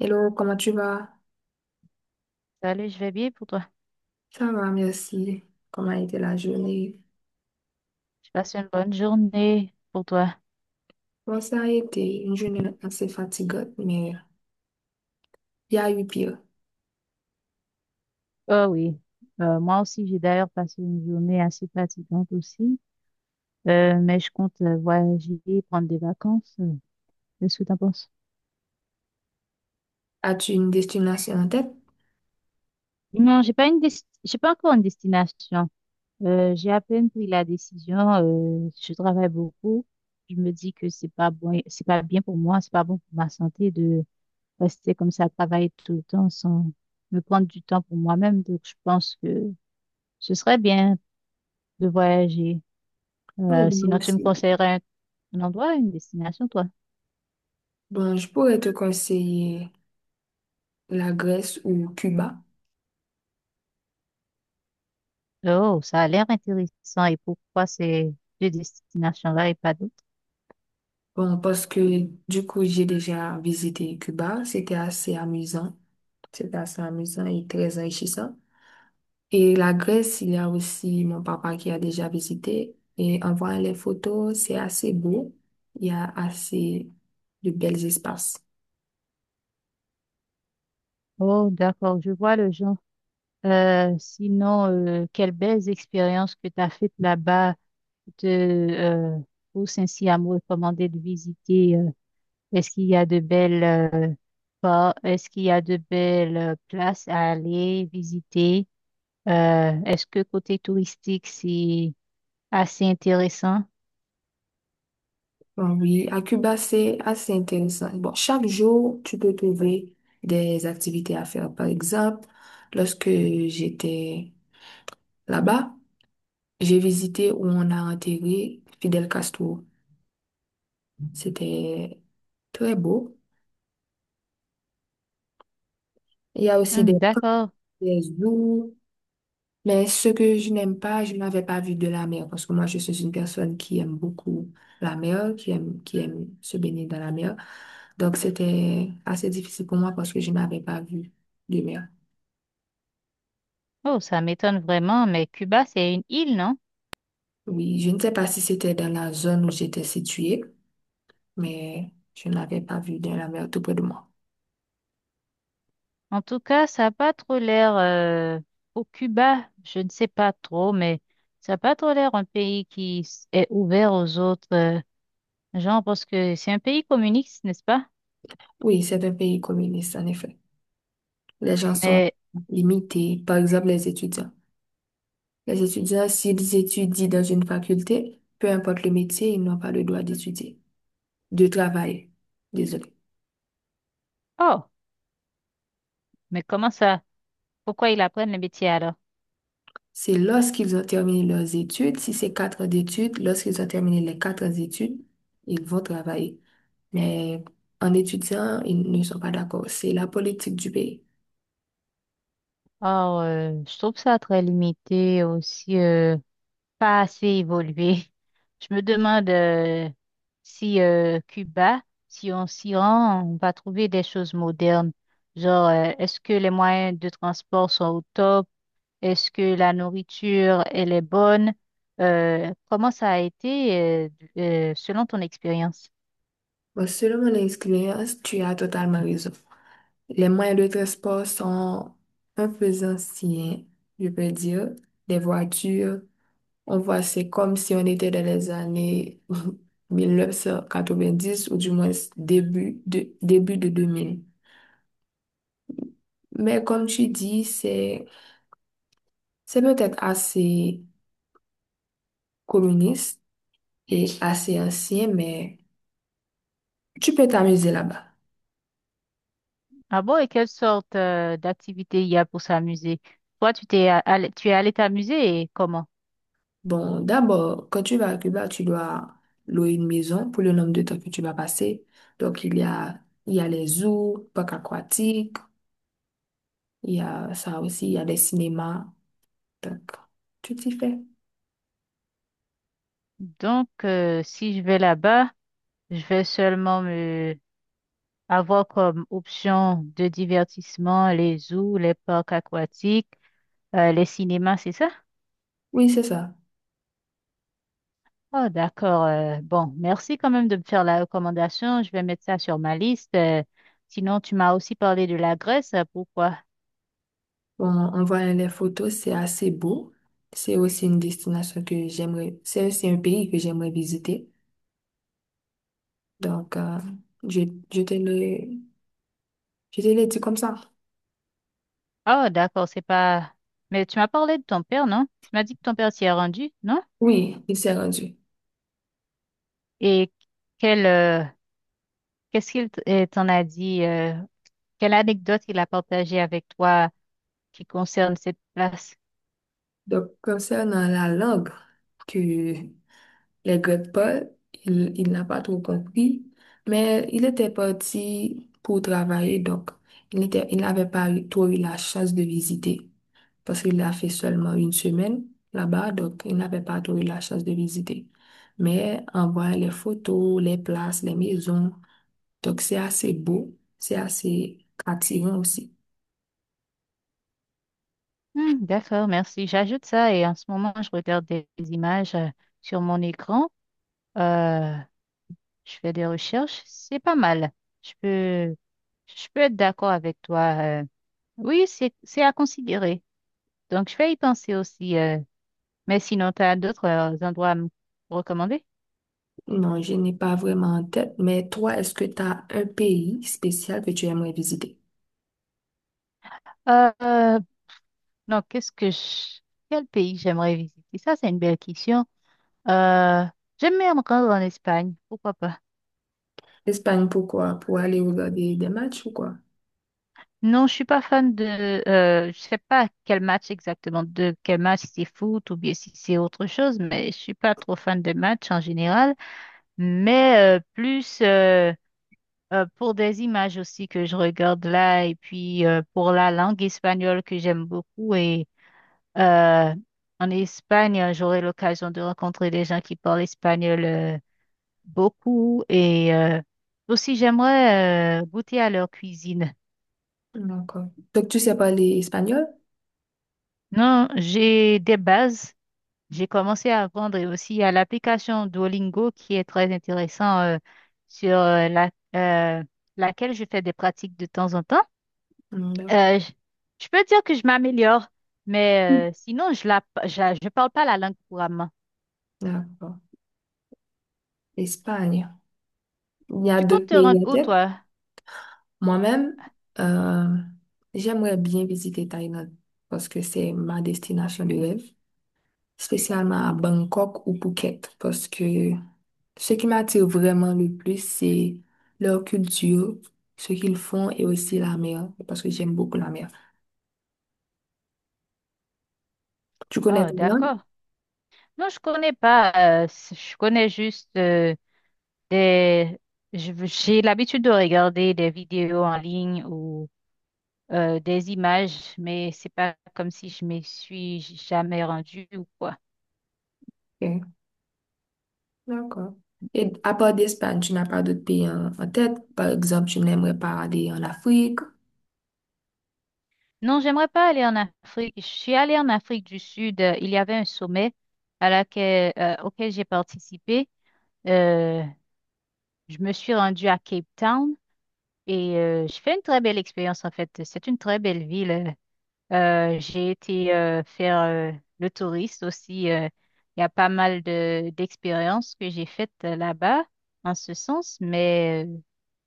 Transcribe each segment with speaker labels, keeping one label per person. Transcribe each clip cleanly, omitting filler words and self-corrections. Speaker 1: Hello, comment tu vas?
Speaker 2: Salut, je vais bien pour toi.
Speaker 1: Ça va, merci. Comment a été la journée?
Speaker 2: Je passe une bonne journée pour toi.
Speaker 1: Bon, ça a été une journée assez fatigante, mais il y a eu pire.
Speaker 2: Oh oui. Moi aussi, j'ai d'ailleurs passé une journée assez fatigante aussi. Mais je compte voyager, prendre des vacances. Qu'est-ce que t'en penses?
Speaker 1: As-tu une destination en tête?
Speaker 2: Non, j'ai pas encore une destination. J'ai à peine pris la décision. Je travaille beaucoup. Je me dis que c'est pas bon, c'est pas bien pour moi, c'est pas bon pour ma santé de rester comme ça, travailler tout le temps sans me prendre du temps pour moi-même. Donc, je pense que ce serait bien de voyager.
Speaker 1: Oui, moi
Speaker 2: Sinon, tu me
Speaker 1: aussi.
Speaker 2: conseillerais un endroit, une destination, toi?
Speaker 1: Bon, je pourrais te conseiller la Grèce ou Cuba.
Speaker 2: Oh, ça a l'air intéressant. Et pourquoi ces deux destinations-là et pas d'autres?
Speaker 1: Bon, parce que du coup, j'ai déjà visité Cuba. C'était assez amusant. C'était assez amusant et très enrichissant. Et la Grèce, il y a aussi mon papa qui a déjà visité. Et en voyant les photos, c'est assez beau. Il y a assez de belles espaces.
Speaker 2: Oh, d'accord, je vois le genre. Sinon, quelles belles expériences que tu as faites là-bas te poussent ainsi à me recommander de visiter. Est-ce qu'il y a de belles places à aller visiter? Est-ce que côté touristique, c'est assez intéressant.
Speaker 1: Bon, oui, à Cuba, c'est assez intéressant. Bon, chaque jour, tu peux trouver des activités à faire. Par exemple, lorsque j'étais là-bas, j'ai visité où on a enterré Fidel Castro. C'était très beau. Il y a aussi des,
Speaker 2: Hmm,
Speaker 1: parcs,
Speaker 2: d'accord.
Speaker 1: des zoos. Mais ce que je n'aime pas, je n'avais pas vu de la mer parce que moi, je suis une personne qui aime beaucoup la mer, qui aime se baigner dans la mer. Donc, c'était assez difficile pour moi parce que je n'avais pas vu de mer.
Speaker 2: Oh, ça m'étonne vraiment, mais Cuba, c'est une île, non?
Speaker 1: Oui, je ne sais pas si c'était dans la zone où j'étais située, mais je n'avais pas vu de la mer tout près de moi.
Speaker 2: En tout cas, ça n'a pas trop l'air. Au Cuba, je ne sais pas trop, mais ça n'a pas trop l'air un pays qui est ouvert aux autres gens, parce que c'est un pays communiste, n'est-ce pas?
Speaker 1: Oui, c'est un pays communiste, en effet. Les gens sont
Speaker 2: Mais,
Speaker 1: limités, par exemple les étudiants. Les étudiants, s'ils étudient dans une faculté, peu importe le métier, ils n'ont pas le droit d'étudier. De travail. Désolé.
Speaker 2: oh, mais comment ça? Pourquoi ils apprennent le métier alors?
Speaker 1: C'est lorsqu'ils ont terminé leurs études, si c'est 4 ans d'études, lorsqu'ils ont terminé les 4 ans d'études, ils vont travailler. Mais en étudiant, ils ne sont pas d'accord. C'est la politique du pays.
Speaker 2: Oh, je trouve ça très limité aussi. Pas assez évolué. Je me demande si Cuba, si on s'y rend, on va trouver des choses modernes. Genre, est-ce que les moyens de transport sont au top? Est-ce que la nourriture, elle est bonne? Comment ça a été selon ton expérience?
Speaker 1: Bon, selon mon expérience, tu as totalement raison. Les moyens de transport sont un peu anciens, je peux dire. Les voitures, on voit, c'est comme si on était dans les années 1990 ou du moins début de 2000. Mais comme tu dis, c'est peut-être assez communiste et assez ancien, mais tu peux t'amuser là-bas.
Speaker 2: Ah bon, et quelle sorte d'activité il y a pour s'amuser? Toi, allé, tu es allé t'amuser et comment?
Speaker 1: Bon, d'abord, quand tu vas à Cuba, tu dois louer une maison pour le nombre de temps que tu vas passer. Donc, il y a les zoos, parcs aquatiques, il y a ça aussi, il y a les cinémas. Donc, tu t'y fais.
Speaker 2: Donc, si je vais là-bas, je vais seulement avoir comme option de divertissement les zoos, les parcs aquatiques, les cinémas, c'est ça?
Speaker 1: Oui, c'est ça.
Speaker 2: Oh, d'accord. Bon, merci quand même de me faire la recommandation. Je vais mettre ça sur ma liste. Sinon, tu m'as aussi parlé de la Grèce. Pourquoi?
Speaker 1: Bon, en voyant les photos, c'est assez beau. C'est aussi une destination que j'aimerais, c'est aussi un pays que j'aimerais visiter. Donc, je, je te le, je te le dis comme ça.
Speaker 2: Oh, d'accord, c'est pas. Mais tu m'as parlé de ton père, non? Tu m'as dit que ton père s'y est rendu, non?
Speaker 1: Oui, il s'est rendu.
Speaker 2: Et quel, euh, qu'est-ce qu'il t'en a dit? Quelle anecdote il a partagée avec toi qui concerne cette place?
Speaker 1: Donc, concernant la langue que les Grecs parlent, il n'a pas trop compris, mais il était parti pour travailler, donc il n'avait pas eu- trop eu la chance de visiter parce qu'il a fait seulement 1 semaine là-bas, donc il n'avait pas trop eu la chance de visiter. Mais en voyant les photos, les places, les maisons, donc, c'est assez beau, c'est assez attirant aussi.
Speaker 2: Hmm, d'accord, merci. J'ajoute ça et en ce moment, je regarde des images sur mon écran. Euh, je fais des recherches. C'est pas mal. Je peux, je peux être d'accord avec toi. euh. Oui, c'est à considérer. Donc, je vais y penser aussi. Mais sinon, tu as d'autres endroits à me recommander?
Speaker 1: Non, je n'ai pas vraiment en tête, mais toi, est-ce que tu as un pays spécial que tu aimerais visiter?
Speaker 2: Euh, euh, non, Quel pays j'aimerais visiter? Ça, c'est une belle question. Euh, J'aimerais me rendre en Espagne. Pourquoi pas?
Speaker 1: L'Espagne, pourquoi? Pour aller regarder des matchs ou quoi?
Speaker 2: Non, je suis pas fan de. Je sais pas quel match exactement, de quel match c'est foot ou bien si c'est autre chose, mais je suis pas trop fan de matchs en général. Mais plus pour des images aussi que je regarde là et puis pour la langue espagnole que j'aime beaucoup et euh, en Espagne j'aurai l'occasion de rencontrer des gens qui parlent espagnol beaucoup et aussi j'aimerais goûter à leur cuisine.
Speaker 1: D'accord. Donc, tu sais parler espagnol?
Speaker 2: Non, j'ai des bases. J'ai commencé à apprendre et aussi à l'application Duolingo qui est très intéressant sur euh, laquelle je fais des pratiques de temps en temps.
Speaker 1: Hmm, d'accord.
Speaker 2: Euh, je, je peux dire que je m'améliore, mais sinon je parle pas la langue couramment.
Speaker 1: D'accord. Espagne. Il y a
Speaker 2: Tu comptes
Speaker 1: d'autres
Speaker 2: te
Speaker 1: pays
Speaker 2: rendre
Speaker 1: en
Speaker 2: où
Speaker 1: tête.
Speaker 2: toi?
Speaker 1: Moi-même, euh, j'aimerais bien visiter Thaïlande parce que c'est ma destination de rêve. Spécialement à Bangkok ou Phuket, parce que ce qui m'attire vraiment le plus, c'est leur culture, ce qu'ils font et aussi la mer, parce que j'aime beaucoup la mer. Tu connais
Speaker 2: Oh,
Speaker 1: Thaïlande?
Speaker 2: d'accord. Non, je connais pas. Je connais juste des. J'ai l'habitude de regarder des vidéos en ligne ou des images, mais c'est pas comme si je m'y suis jamais rendue ou quoi.
Speaker 1: Ok, d'accord. Et à part d'Espagne, tu n'as pas d'autres pays en tête? Par exemple, tu n'aimerais pas aller en Afrique?
Speaker 2: Non, j'aimerais pas aller en Afrique. Je suis allée en Afrique du Sud. Il y avait un sommet auquel j'ai participé. Euh, je me suis rendue à Cape Town et je fais une très belle expérience en fait. C'est une très belle ville. J'ai été faire le touriste aussi. Il y a pas mal de d'expériences que j'ai faites là-bas en ce sens, mais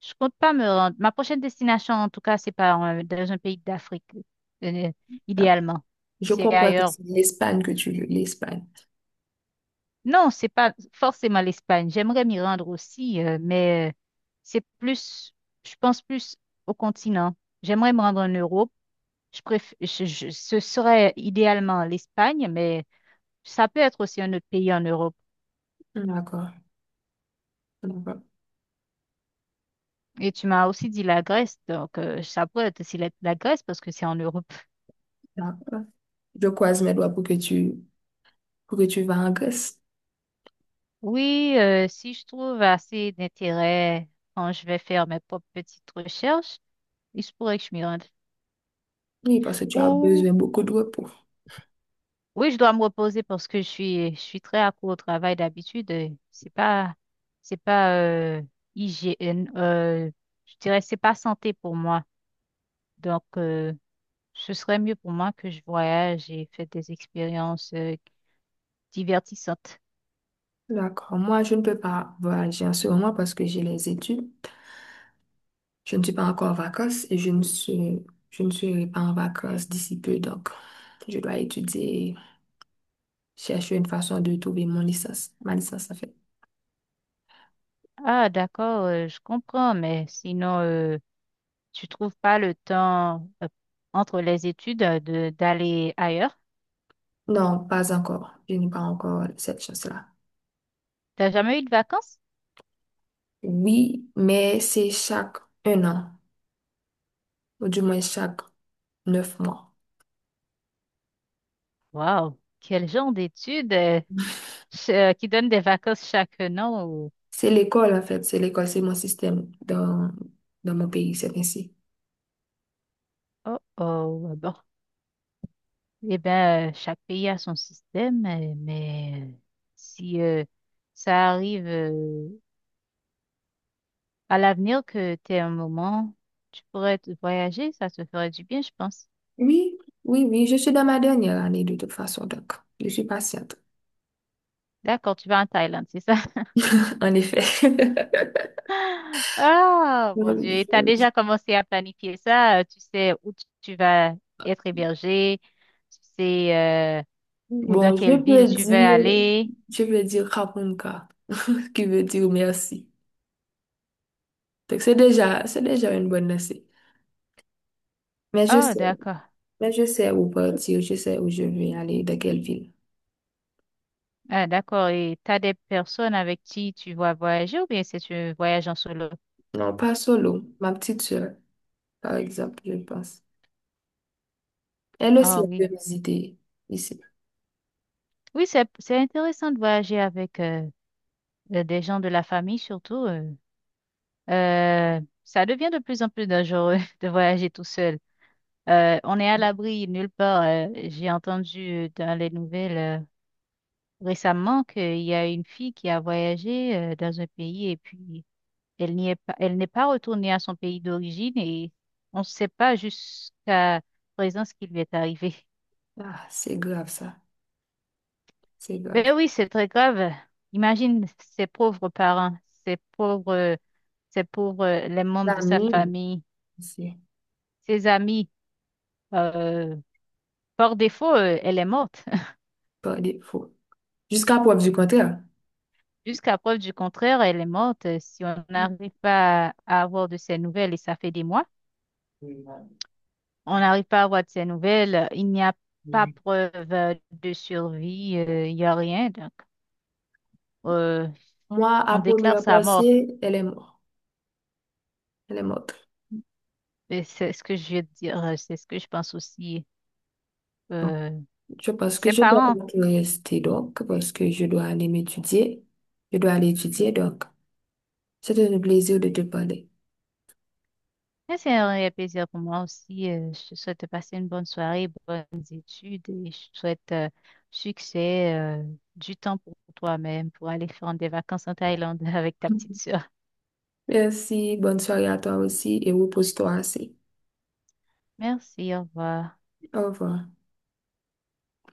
Speaker 2: je compte pas me rendre. Ma prochaine destination, en tout cas, c'est pas dans un pays d'Afrique, euh,
Speaker 1: D'accord.
Speaker 2: idéalement.
Speaker 1: Je
Speaker 2: C'est
Speaker 1: comprends que
Speaker 2: ailleurs.
Speaker 1: c'est l'Espagne que tu veux, l'Espagne.
Speaker 2: Non, c'est pas forcément l'Espagne. J'aimerais m'y rendre aussi, mais c'est plus, je pense plus au continent. J'aimerais me rendre en Europe. Je préf- je- Ce serait idéalement l'Espagne, mais ça peut être aussi un autre pays en Europe.
Speaker 1: D'accord. D'accord.
Speaker 2: Et tu m'as aussi dit la Grèce, donc ça pourrait être aussi la Grèce parce que c'est en Europe.
Speaker 1: D'accord. Je croise mes doigts pour que tu vas en Grèce.
Speaker 2: Oui, si je trouve assez d'intérêt quand je vais faire mes propres petites recherches, il se pourrait que je m'y rende.
Speaker 1: Oui, parce que tu as
Speaker 2: Ou
Speaker 1: besoin beaucoup de repos.
Speaker 2: oui, je dois me reposer parce que je suis très accro au travail d'habitude. C'est pas hygiène, je dirais c'est pas santé pour moi. Donc ce serait mieux pour moi que je voyage et fasse des expériences. Divertissante.
Speaker 1: D'accord. Moi, je ne peux pas voyager en ce moment parce que j'ai les études. Je ne suis pas encore en vacances et je ne serai pas en vacances d'ici peu. Donc, je dois étudier, chercher une façon de trouver mon licence. Ma licence, en fait.
Speaker 2: Ah, d'accord, je comprends, mais sinon, tu trouves pas le temps entre les études de d'aller ailleurs?
Speaker 1: Non, pas encore. Je n'ai pas encore cette chance-là.
Speaker 2: T'as jamais eu de vacances?
Speaker 1: Oui, mais c'est chaque 1 an, ou du moins chaque 9 mois.
Speaker 2: Waouh, quel genre d'études qui donnent des vacances chaque an ou-?
Speaker 1: C'est l'école, en fait. C'est l'école, c'est mon système dans mon pays, c'est ainsi.
Speaker 2: Oh, oh, ah bon. Eh bien, chaque pays a son système, mais si ça arrive à l'avenir, que tu aies un moment, tu pourrais te voyager, ça te ferait du bien, je pense.
Speaker 1: Oui, oui, je suis dans ma dernière année de toute façon, donc je suis patiente,
Speaker 2: D'accord, tu vas en Thaïlande, c'est ça?
Speaker 1: en effet.
Speaker 2: Ah, mon Dieu, et t'as
Speaker 1: je-
Speaker 2: déjà commencé à planifier ça, tu sais où tu vas être hébergé, tu sais euh, où, dans
Speaker 1: Bon,
Speaker 2: quelle ville tu vas aller.
Speaker 1: je peux dire Kapunka, qui veut dire merci. Donc c'est déjà une bonne lancée. Mais je
Speaker 2: Oh,
Speaker 1: sais,
Speaker 2: d'accord.
Speaker 1: mais je sais où partir, je sais où je vais aller, dans quelle ville.
Speaker 2: Ah, d'accord, et t'as des personnes avec qui tu vas voyager ou bien c'est un voyage en solo?
Speaker 1: Non, pas solo, ma petite soeur, par exemple, je pense. Elle aussi,
Speaker 2: Ah oui.
Speaker 1: elle peut visiter ici.
Speaker 2: Oui, c'est intéressant de voyager avec des gens de la famille surtout. Ça devient de plus en plus dangereux de voyager tout seul. On est à l'abri nulle part. J'ai entendu dans les nouvelles récemment qu'il y a une fille qui a voyagé dans un pays et puis elle n'y est pas, elle n'est pas retournée à son pays d'origine et on ne sait pas jusqu'à présent ce qui lui est arrivé.
Speaker 1: Ah, c'est grave ça, c'est grave.
Speaker 2: Ben oui, c'est très grave. Imagine ses pauvres parents, ses pauvres, les membres de sa
Speaker 1: L'ami,
Speaker 2: famille,
Speaker 1: c'est
Speaker 2: ses amis. euh, Par défaut, elle est morte.
Speaker 1: par défaut. Jusqu'à preuve du contraire.
Speaker 2: Jusqu'à preuve du contraire, elle est morte. Si on n'arrive pas à avoir de ses nouvelles, et ça fait des mois, on n'arrive pas à avoir de ses nouvelles, il n'y a pas preuve de survie, il n'y a rien. Donc, euh,
Speaker 1: Moi, à
Speaker 2: on déclare
Speaker 1: première
Speaker 2: sa mort.
Speaker 1: pensée, elle est morte. Elle est morte.
Speaker 2: Et c'est ce que je veux dire, c'est ce que je pense aussi.
Speaker 1: Bon,
Speaker 2: Euh,
Speaker 1: je pense que
Speaker 2: Ses
Speaker 1: je dois
Speaker 2: parents.
Speaker 1: donc rester donc, parce que je dois aller m'étudier. Je dois aller étudier donc. C'était un plaisir de te parler.
Speaker 2: Mais c'est un réel plaisir pour moi aussi. Je te souhaite de passer une bonne soirée, bonnes études et je te souhaite succès, du temps pour toi-même pour aller faire des vacances en Thaïlande avec ta petite sœur.
Speaker 1: Merci, bonne soirée à toi aussi et repose-toi assez.
Speaker 2: Merci, au revoir.
Speaker 1: Au revoir.